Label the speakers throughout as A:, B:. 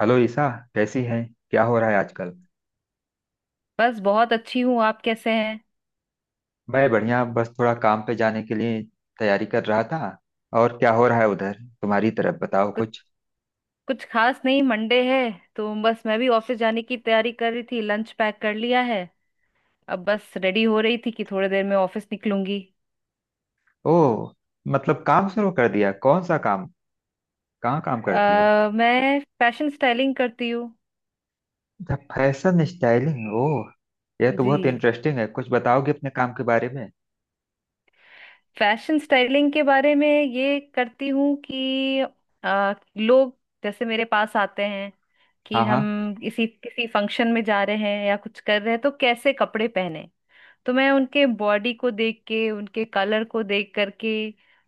A: Hello Isa. कैसी हैं। क्या हो रहा है आजकल।
B: बस बहुत अच्छी हूँ। आप कैसे हैं?
A: मैं बढ़िया, बस थोड़ा काम पे जाने के लिए तैयारी कर रहा था। और क्या हो रहा है उधर, तुम्हारी तरफ बताओ
B: कुछ
A: कुछ।
B: कुछ खास नहीं, मंडे है तो बस मैं भी ऑफिस जाने की तैयारी कर रही थी। लंच पैक कर लिया है, अब बस रेडी हो रही थी कि थोड़ी देर में ऑफिस निकलूंगी।
A: ओह, मतलब काम शुरू कर दिया, कौन सा काम, कहाँ काम करती हो।
B: मैं फैशन स्टाइलिंग करती हूँ।
A: अच्छा फैशन स्टाइलिंग, ओह, यह तो
B: जी,
A: बहुत इंटरेस्टिंग है, कुछ बताओगे अपने काम के बारे में।
B: फैशन स्टाइलिंग के बारे में ये करती हूँ कि लोग जैसे मेरे पास आते हैं कि
A: हाँ हाँ।
B: हम किसी किसी फंक्शन में जा रहे हैं या कुछ कर रहे हैं तो कैसे कपड़े पहने। तो मैं उनके बॉडी को देख के, उनके कलर को देख करके,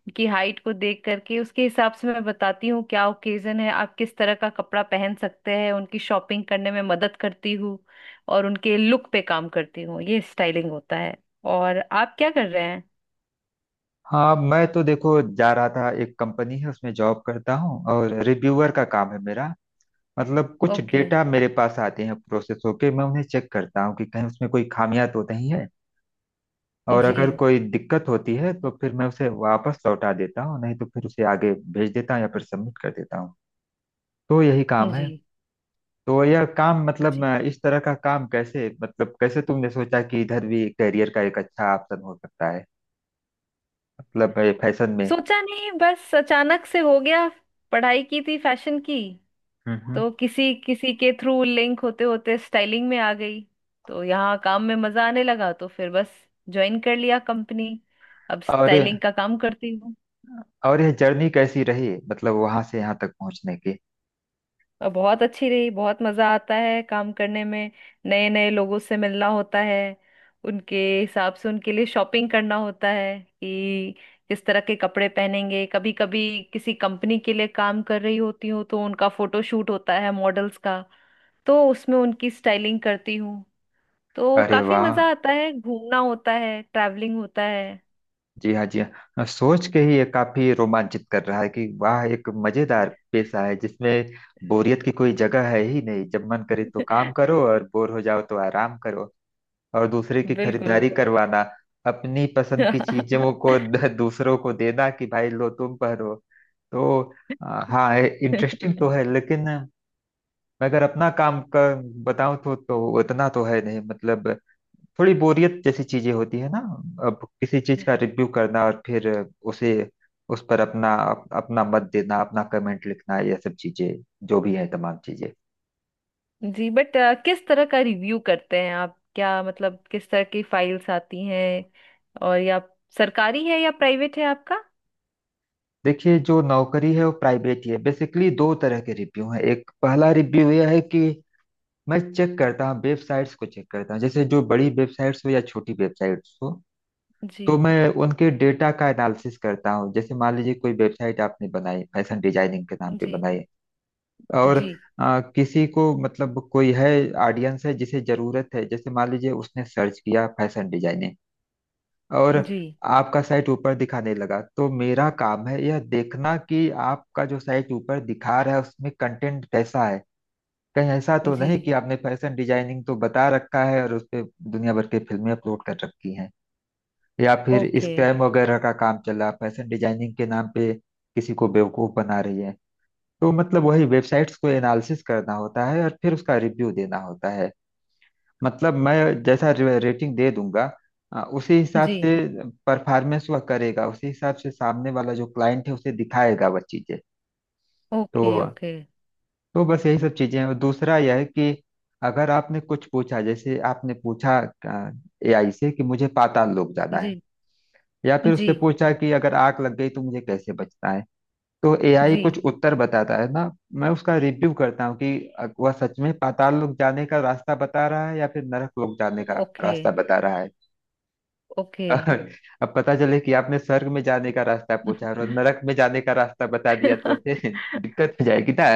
B: उनकी हाइट को देख करके उसके हिसाब से मैं बताती हूँ क्या ओकेजन है, आप किस तरह का कपड़ा पहन सकते हैं। उनकी शॉपिंग करने में मदद करती हूँ और उनके लुक पे काम करती हूँ। ये स्टाइलिंग होता है। और आप क्या कर रहे हैं?
A: हाँ, मैं तो देखो जा रहा था, एक कंपनी है उसमें जॉब करता हूँ और रिव्यूअर का काम है मेरा। मतलब कुछ
B: ओके।
A: डेटा मेरे पास आते हैं प्रोसेस होके, मैं उन्हें चेक करता हूँ कि कहीं उसमें कोई खामियां तो नहीं है। और
B: जी
A: अगर कोई दिक्कत होती है तो फिर मैं उसे वापस लौटा देता हूँ, नहीं तो फिर उसे आगे भेज देता हूँ या फिर सबमिट कर देता हूँ। तो यही काम
B: जी
A: है। तो यह काम मतलब
B: जी।
A: इस तरह का काम कैसे, मतलब कैसे तुमने सोचा कि इधर भी करियर का एक अच्छा ऑप्शन हो सकता है, मतलब फैशन में।
B: सोचा नहीं, बस अचानक से हो गया। पढ़ाई की थी फैशन की,
A: हम्म हम्म।
B: तो किसी किसी के थ्रू लिंक होते होते स्टाइलिंग में आ गई। तो यहाँ काम में मजा आने लगा, तो फिर बस ज्वाइन कर लिया कंपनी। अब
A: और
B: स्टाइलिंग का काम करती हूँ।
A: और यह जर्नी कैसी रही, मतलब वहां से यहाँ तक पहुंचने की।
B: और बहुत अच्छी रही, बहुत मजा आता है काम करने में। नए नए लोगों से मिलना होता है, उनके हिसाब से उनके लिए शॉपिंग करना होता है कि किस तरह के कपड़े पहनेंगे। कभी कभी किसी कंपनी के लिए काम कर रही होती हूँ तो उनका फोटो शूट होता है मॉडल्स का, तो उसमें उनकी स्टाइलिंग करती हूँ। तो
A: अरे
B: काफी
A: वाह,
B: मजा आता है, घूमना होता है, ट्रैवलिंग होता है।
A: जी हाँ जी हाँ, सोच के ही ये काफी रोमांचित कर रहा है कि वाह एक मजेदार पेशा है जिसमें बोरियत की कोई जगह है ही नहीं, जब मन करे तो काम करो और बोर हो जाओ तो आराम करो, और दूसरे की
B: बिल्कुल।
A: खरीदारी करवाना, अपनी पसंद की चीजों को दूसरों को देना कि भाई लो तुम पहनो। तो हाँ इंटरेस्टिंग तो है, लेकिन मैं अगर अपना काम का बताऊं तो उतना तो है नहीं, मतलब थोड़ी बोरियत जैसी चीजें होती है ना। अब किसी चीज का रिव्यू करना और फिर उसे उस पर अपना अपना मत देना, अपना कमेंट लिखना, ये सब चीजें, जो भी है तमाम चीजें।
B: जी, बट किस तरह का रिव्यू करते हैं आप? क्या मतलब किस तरह की फाइल्स आती हैं? और या सरकारी है या प्राइवेट है आपका?
A: देखिए जो नौकरी है वो प्राइवेट ही है। बेसिकली 2 तरह के रिव्यू हैं। एक पहला रिव्यू यह है कि मैं चेक करता हूँ, वेबसाइट्स को चेक करता हूँ, जैसे जो बड़ी वेबसाइट्स हो या छोटी वेबसाइट्स हो,
B: जी।
A: तो मैं उनके डेटा का एनालिसिस करता हूँ। जैसे मान लीजिए कोई वेबसाइट आपने बनाई, फैशन डिजाइनिंग के नाम पे
B: जी।
A: बनाई, और
B: जी।
A: किसी को मतलब कोई है, ऑडियंस है जिसे जरूरत है, जैसे मान लीजिए उसने सर्च किया फैशन डिजाइनिंग, और
B: जी।
A: आपका साइट ऊपर दिखाने लगा, तो मेरा काम है यह देखना कि आपका जो साइट ऊपर दिखा रहा है उसमें कंटेंट कैसा है, कहीं ऐसा तो
B: जी।
A: नहीं कि आपने फैशन डिजाइनिंग तो बता रखा है और उस पे दुनिया भर की फिल्में अपलोड कर रखी हैं, या फिर
B: ओके।
A: स्कैम वगैरह का काम चला फैशन डिजाइनिंग के नाम पे, किसी को बेवकूफ बना रही है। तो मतलब वही वेबसाइट्स को एनालिसिस करना होता है और फिर उसका रिव्यू देना होता है। मतलब मैं जैसा रेटिंग दे दूंगा उसी हिसाब से
B: जी।
A: परफॉर्मेंस वह करेगा, उसी हिसाब से सामने वाला जो क्लाइंट है उसे दिखाएगा वह चीजें। तो
B: ओके। ओके।
A: बस यही सब चीजें हैं। और दूसरा यह है कि अगर आपने कुछ पूछा, जैसे आपने पूछा एआई से कि मुझे पाताल लोक जाना है,
B: जी
A: या फिर
B: जी
A: उसने पूछा कि अगर आग लग गई तो मुझे कैसे बचना है, तो एआई
B: जी।
A: कुछ उत्तर बताता है ना। मैं उसका रिव्यू करता हूँ कि वह सच में पाताल लोक जाने का रास्ता बता रहा है या फिर नरक लोक जाने का
B: ओके।
A: रास्ता बता रहा है।
B: ओके।
A: अब पता चले कि आपने स्वर्ग में जाने का रास्ता पूछा और नरक में जाने का रास्ता बता दिया तो फिर दिक्कत हो जाएगी ना।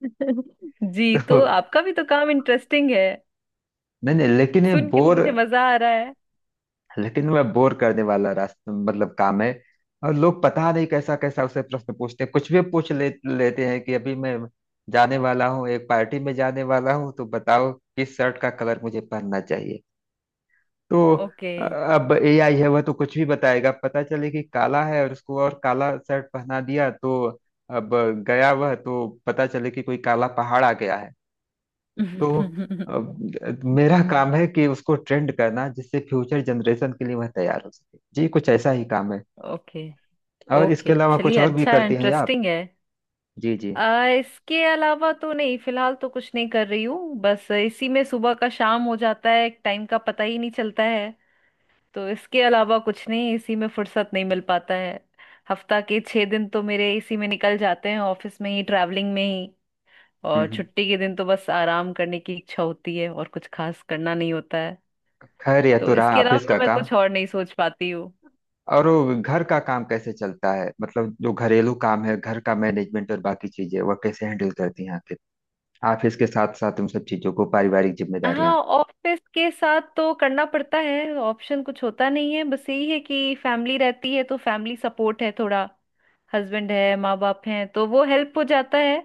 B: जी,
A: तो
B: तो आपका भी तो काम इंटरेस्टिंग है,
A: नहीं नहीं, लेकिन ये
B: सुन के तो
A: बोर,
B: मुझे मजा आ रहा है।
A: लेकिन वह बोर करने वाला रास्ता मतलब काम है। और लोग पता नहीं कैसा कैसा उसे प्रश्न पूछते हैं, कुछ भी लेते हैं कि अभी मैं जाने वाला हूँ, एक पार्टी में जाने वाला हूँ, तो बताओ किस शर्ट का कलर मुझे पहनना चाहिए। तो
B: ओके।
A: अब एआई है वह तो कुछ भी बताएगा, पता चले कि काला है और उसको और काला शर्ट पहना दिया तो अब गया वह, तो पता चले कि कोई काला पहाड़ आ गया है। तो अब मेरा काम है कि उसको ट्रेंड करना जिससे फ्यूचर जनरेशन के लिए वह तैयार हो सके, जी कुछ ऐसा ही काम है।
B: ओके।
A: और इसके
B: ओके
A: अलावा कुछ
B: चलिए,
A: और भी
B: अच्छा
A: करती हैं आप।
B: इंटरेस्टिंग है।
A: जी जी।
B: इसके अलावा तो नहीं, फिलहाल तो कुछ नहीं कर रही हूँ, बस इसी में सुबह का शाम हो जाता है, टाइम का पता ही नहीं चलता है। तो इसके अलावा कुछ नहीं, इसी में फुर्सत नहीं मिल पाता है। हफ्ता के 6 दिन तो मेरे इसी में निकल जाते हैं ऑफिस में ही, ट्रैवलिंग में ही।
A: हम्म
B: और
A: हम्म।
B: छुट्टी के दिन तो बस आराम करने की इच्छा होती है और कुछ खास करना नहीं होता है।
A: खैर यह
B: तो
A: तो
B: इसके
A: रहा
B: अलावा
A: ऑफिस
B: तो
A: का
B: मैं
A: काम।
B: कुछ और नहीं सोच पाती हूँ।
A: और वो घर का काम कैसे चलता है, मतलब जो घरेलू काम है, घर का मैनेजमेंट और बाकी चीजें वह कैसे हैंडल करती हैं आखिर, ऑफिस के साथ साथ उन सब चीजों को, पारिवारिक
B: हाँ,
A: जिम्मेदारियां।
B: ऑफिस के साथ तो करना पड़ता है, ऑप्शन कुछ होता नहीं है। बस यही है कि फैमिली रहती है तो फैमिली सपोर्ट है थोड़ा। हस्बैंड है, माँ बाप हैं, तो वो हेल्प हो जाता है।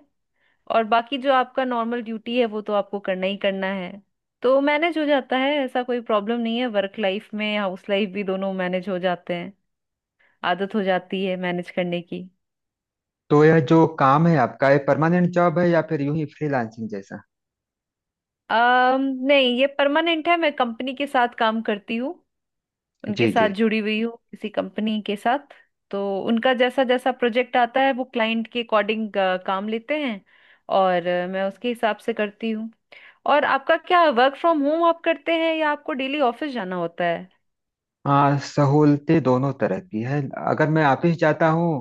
B: और बाकी जो आपका नॉर्मल ड्यूटी है वो तो आपको करना ही करना है। तो मैनेज हो जाता है, ऐसा कोई प्रॉब्लम नहीं है। वर्क लाइफ में, हाउस लाइफ भी दोनों मैनेज हो जाते हैं। आदत हो जाती है मैनेज करने की।
A: तो यह जो काम है आपका, ये परमानेंट जॉब है या फिर यूं ही फ्रीलांसिंग जैसा।
B: अम नहीं, ये परमानेंट है। मैं कंपनी के साथ काम करती हूँ, उनके
A: जी
B: साथ
A: जी।
B: जुड़ी हुई हूँ किसी कंपनी के साथ। तो उनका जैसा जैसा प्रोजेक्ट आता है वो क्लाइंट के अकॉर्डिंग काम लेते हैं, और मैं उसके हिसाब से करती हूँ। और आपका क्या, वर्क फ्रॉम होम आप करते हैं या आपको डेली ऑफिस जाना होता है?
A: हाँ सहूलतें दोनों तरह की है, अगर मैं ऑफिस जाता हूँ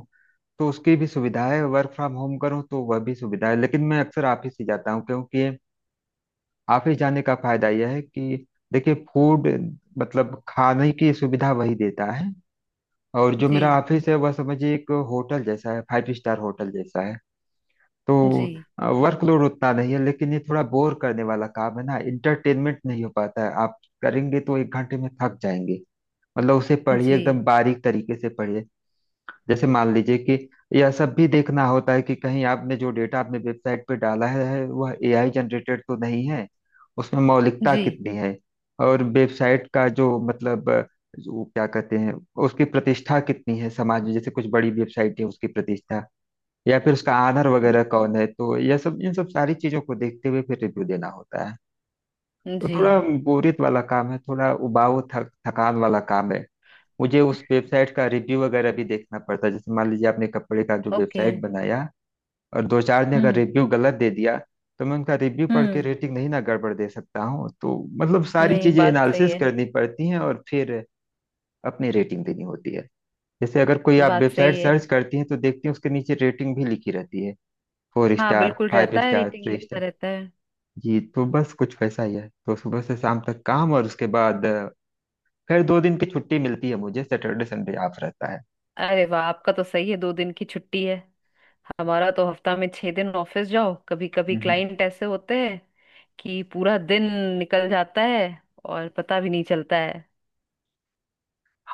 A: तो उसकी भी सुविधा है, वर्क फ्रॉम होम करूँ तो वह भी सुविधा है, लेकिन मैं अक्सर ऑफिस ही जाता हूँ क्योंकि ऑफिस जाने का फायदा यह है कि देखिए फूड, मतलब खाने की सुविधा वही देता है, और जो
B: जी।
A: मेरा ऑफिस है वह समझिए एक होटल जैसा है, 5 स्टार होटल जैसा है। तो
B: जी।
A: वर्कलोड उतना नहीं है, लेकिन ये थोड़ा बोर करने वाला काम है ना, इंटरटेनमेंट नहीं हो पाता है, आप करेंगे तो एक घंटे में थक जाएंगे। मतलब उसे पढ़िए
B: जी।
A: एकदम बारीक तरीके से पढ़िए, जैसे मान लीजिए कि यह सब भी देखना होता है कि कहीं आपने जो डेटा आपने वेबसाइट पे डाला है वह एआई जनरेटेड तो नहीं है, उसमें मौलिकता
B: जी।
A: कितनी है, और वेबसाइट का जो मतलब जो क्या कहते हैं उसकी प्रतिष्ठा कितनी है समाज में, जैसे कुछ बड़ी वेबसाइट है उसकी प्रतिष्ठा या फिर उसका आधार
B: हम्म।
A: वगैरह कौन है, तो यह सब इन सब सारी चीजों को देखते हुए फिर रिव्यू देना होता है। तो
B: जी।
A: थोड़ा बोरियत वाला काम है, थोड़ा उबाऊ, थक थकान वाला काम है। मुझे उस वेबसाइट का रिव्यू वगैरह भी देखना पड़ता है, जैसे मान लीजिए आपने कपड़े का जो
B: ओके।
A: वेबसाइट बनाया और दो चार ने अगर
B: हम्म
A: रिव्यू गलत दे दिया तो मैं उनका रिव्यू पढ़ के
B: हम्म।
A: रेटिंग नहीं ना गड़बड़ दे सकता हूँ, तो मतलब सारी
B: नहीं,
A: चीजें
B: बात सही
A: एनालिसिस
B: है।
A: करनी पड़ती हैं और फिर अपनी रेटिंग देनी होती है। जैसे अगर कोई आप
B: बात
A: वेबसाइट
B: सही है।
A: सर्च करती हैं तो देखती हैं उसके नीचे रेटिंग भी लिखी रहती है, फोर
B: हाँ
A: स्टार
B: बिल्कुल,
A: फाइव
B: रहता है,
A: स्टार
B: रेटिंग
A: थ्री
B: लिखता
A: स्टार
B: रहता है।
A: जी तो बस कुछ वैसा ही है, तो सुबह से शाम तक काम, और उसके बाद फिर 2 दिन की छुट्टी मिलती है मुझे, सैटरडे संडे ऑफ रहता
B: अरे वाह, आपका तो सही है, 2 दिन की छुट्टी है। हमारा तो हफ्ता में 6 दिन ऑफिस जाओ। कभी कभी
A: है।
B: क्लाइंट ऐसे होते हैं कि पूरा दिन निकल जाता है और पता भी नहीं चलता है।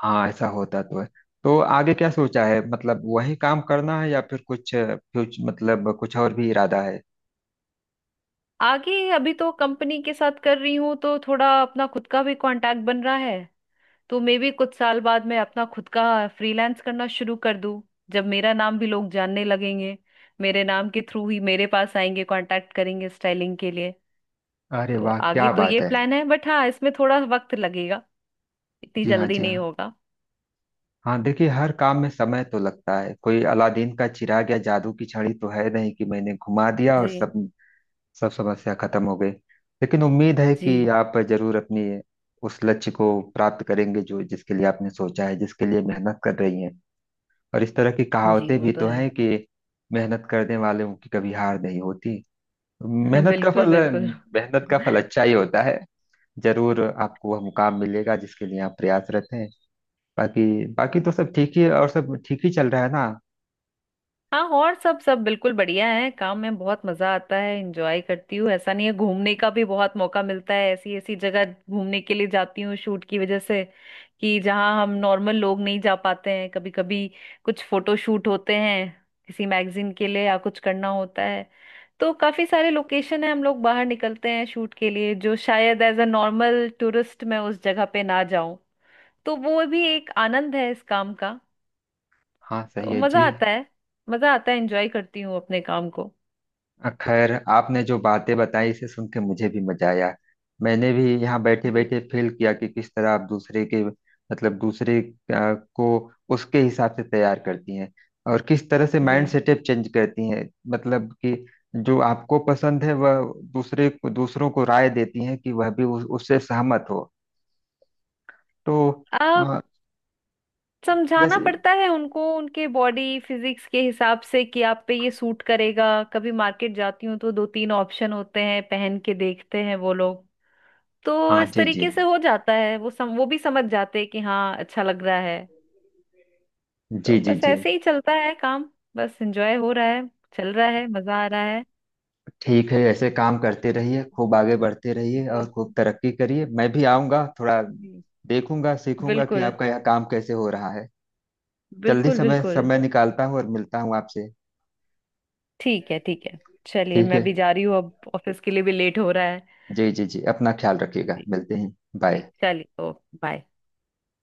A: हाँ ऐसा होता तो है। तो आगे क्या सोचा है, मतलब वही काम करना है या फिर कुछ कुछ मतलब कुछ और भी इरादा है।
B: आगे अभी तो कंपनी के साथ कर रही हूँ, तो थोड़ा अपना खुद का भी कांटेक्ट बन रहा है। तो मे भी कुछ साल बाद मैं अपना खुद का फ्रीलांस करना शुरू कर दूं, जब मेरा नाम भी लोग जानने लगेंगे, मेरे नाम के थ्रू ही मेरे पास आएंगे, कांटेक्ट करेंगे स्टाइलिंग के लिए।
A: अरे
B: तो
A: वाह,
B: आगे
A: क्या
B: तो
A: बात
B: ये
A: है।
B: प्लान है, बट हाँ इसमें थोड़ा वक्त लगेगा, इतनी
A: जी हाँ
B: जल्दी
A: जी
B: नहीं
A: हाँ।
B: होगा।
A: हाँ देखिए हर काम में समय तो लगता है, कोई अलादीन का चिराग या जादू की छड़ी तो है नहीं कि मैंने घुमा दिया और
B: जी
A: सब सब समस्या खत्म हो गई। लेकिन उम्मीद है कि
B: जी
A: आप जरूर अपनी उस लक्ष्य को प्राप्त करेंगे जो जिसके लिए आपने सोचा है, जिसके लिए मेहनत कर रही हैं। और इस तरह की
B: जी,
A: कहावतें
B: वो
A: भी
B: तो
A: तो
B: है।
A: हैं कि मेहनत करने वालों की कभी हार नहीं होती, मेहनत का
B: बिल्कुल
A: फल,
B: बिल्कुल।
A: मेहनत का फल अच्छा ही होता है। जरूर आपको वह मुकाम मिलेगा जिसके लिए आप प्रयासरत हैं। बाकी बाकी तो सब ठीक ही, और सब ठीक ही चल रहा है ना।
B: हाँ, और सब सब बिल्कुल बढ़िया है, काम में बहुत मजा आता है, एंजॉय करती हूँ ऐसा नहीं है। घूमने का भी बहुत मौका मिलता है, ऐसी ऐसी जगह घूमने के लिए जाती हूँ शूट की वजह से, कि जहाँ हम नॉर्मल लोग नहीं जा पाते हैं। कभी कभी कुछ फोटो शूट होते हैं किसी मैगजीन के लिए या कुछ करना होता है, तो काफी सारे लोकेशन है, हम लोग बाहर निकलते हैं शूट के लिए जो शायद एज अ नॉर्मल टूरिस्ट मैं उस जगह पे ना जाऊं। तो वो भी एक आनंद है इस काम का।
A: हाँ सही
B: तो
A: है
B: मजा
A: जी।
B: आता है, मजा आता है, एंजॉय करती हूँ अपने काम को।
A: खैर आपने जो बातें बताई इसे सुन के मुझे भी मजा आया। मैंने भी यहाँ बैठे
B: जी।
A: बैठे फील किया कि किस तरह आप दूसरे के मतलब दूसरे को उसके हिसाब से तैयार करती हैं, और किस तरह से माइंड
B: जी।
A: सेटअप चेंज करती हैं, मतलब कि जो आपको पसंद है वह दूसरे को दूसरों को राय देती हैं कि वह भी उससे सहमत हो। तो
B: अब
A: अ,
B: समझाना
A: जैसे।
B: पड़ता है उनको उनके बॉडी फिजिक्स के हिसाब से कि आप पे ये सूट करेगा। कभी मार्केट जाती हूँ तो 2-3 ऑप्शन होते हैं, पहन के देखते हैं वो लोग। तो
A: हाँ
B: इस
A: जी जी
B: तरीके से हो जाता है, वो भी समझ जाते हैं कि हाँ अच्छा लग रहा है। तो
A: जी जी
B: बस
A: जी।
B: ऐसे ही चलता है काम। बस एंजॉय हो रहा है, चल रहा है, मजा आ रहा है।
A: ठीक है, ऐसे काम करते रहिए, खूब आगे बढ़ते रहिए और
B: जी।
A: खूब तरक्की करिए। मैं भी आऊँगा, थोड़ा
B: जी।
A: देखूंगा सीखूंगा कि
B: बिल्कुल
A: आपका यह काम कैसे हो रहा है। जल्दी
B: बिल्कुल
A: समय
B: बिल्कुल।
A: समय निकालता हूँ और मिलता हूँ आपसे।
B: ठीक है ठीक है, चलिए
A: ठीक है।
B: मैं भी जा रही हूँ, अब ऑफिस के लिए भी लेट हो रहा है।
A: जी जी जी, अपना ख्याल रखिएगा,
B: जी।
A: मिलते हैं।
B: जी
A: बाय।
B: चलिए ओ, बाय।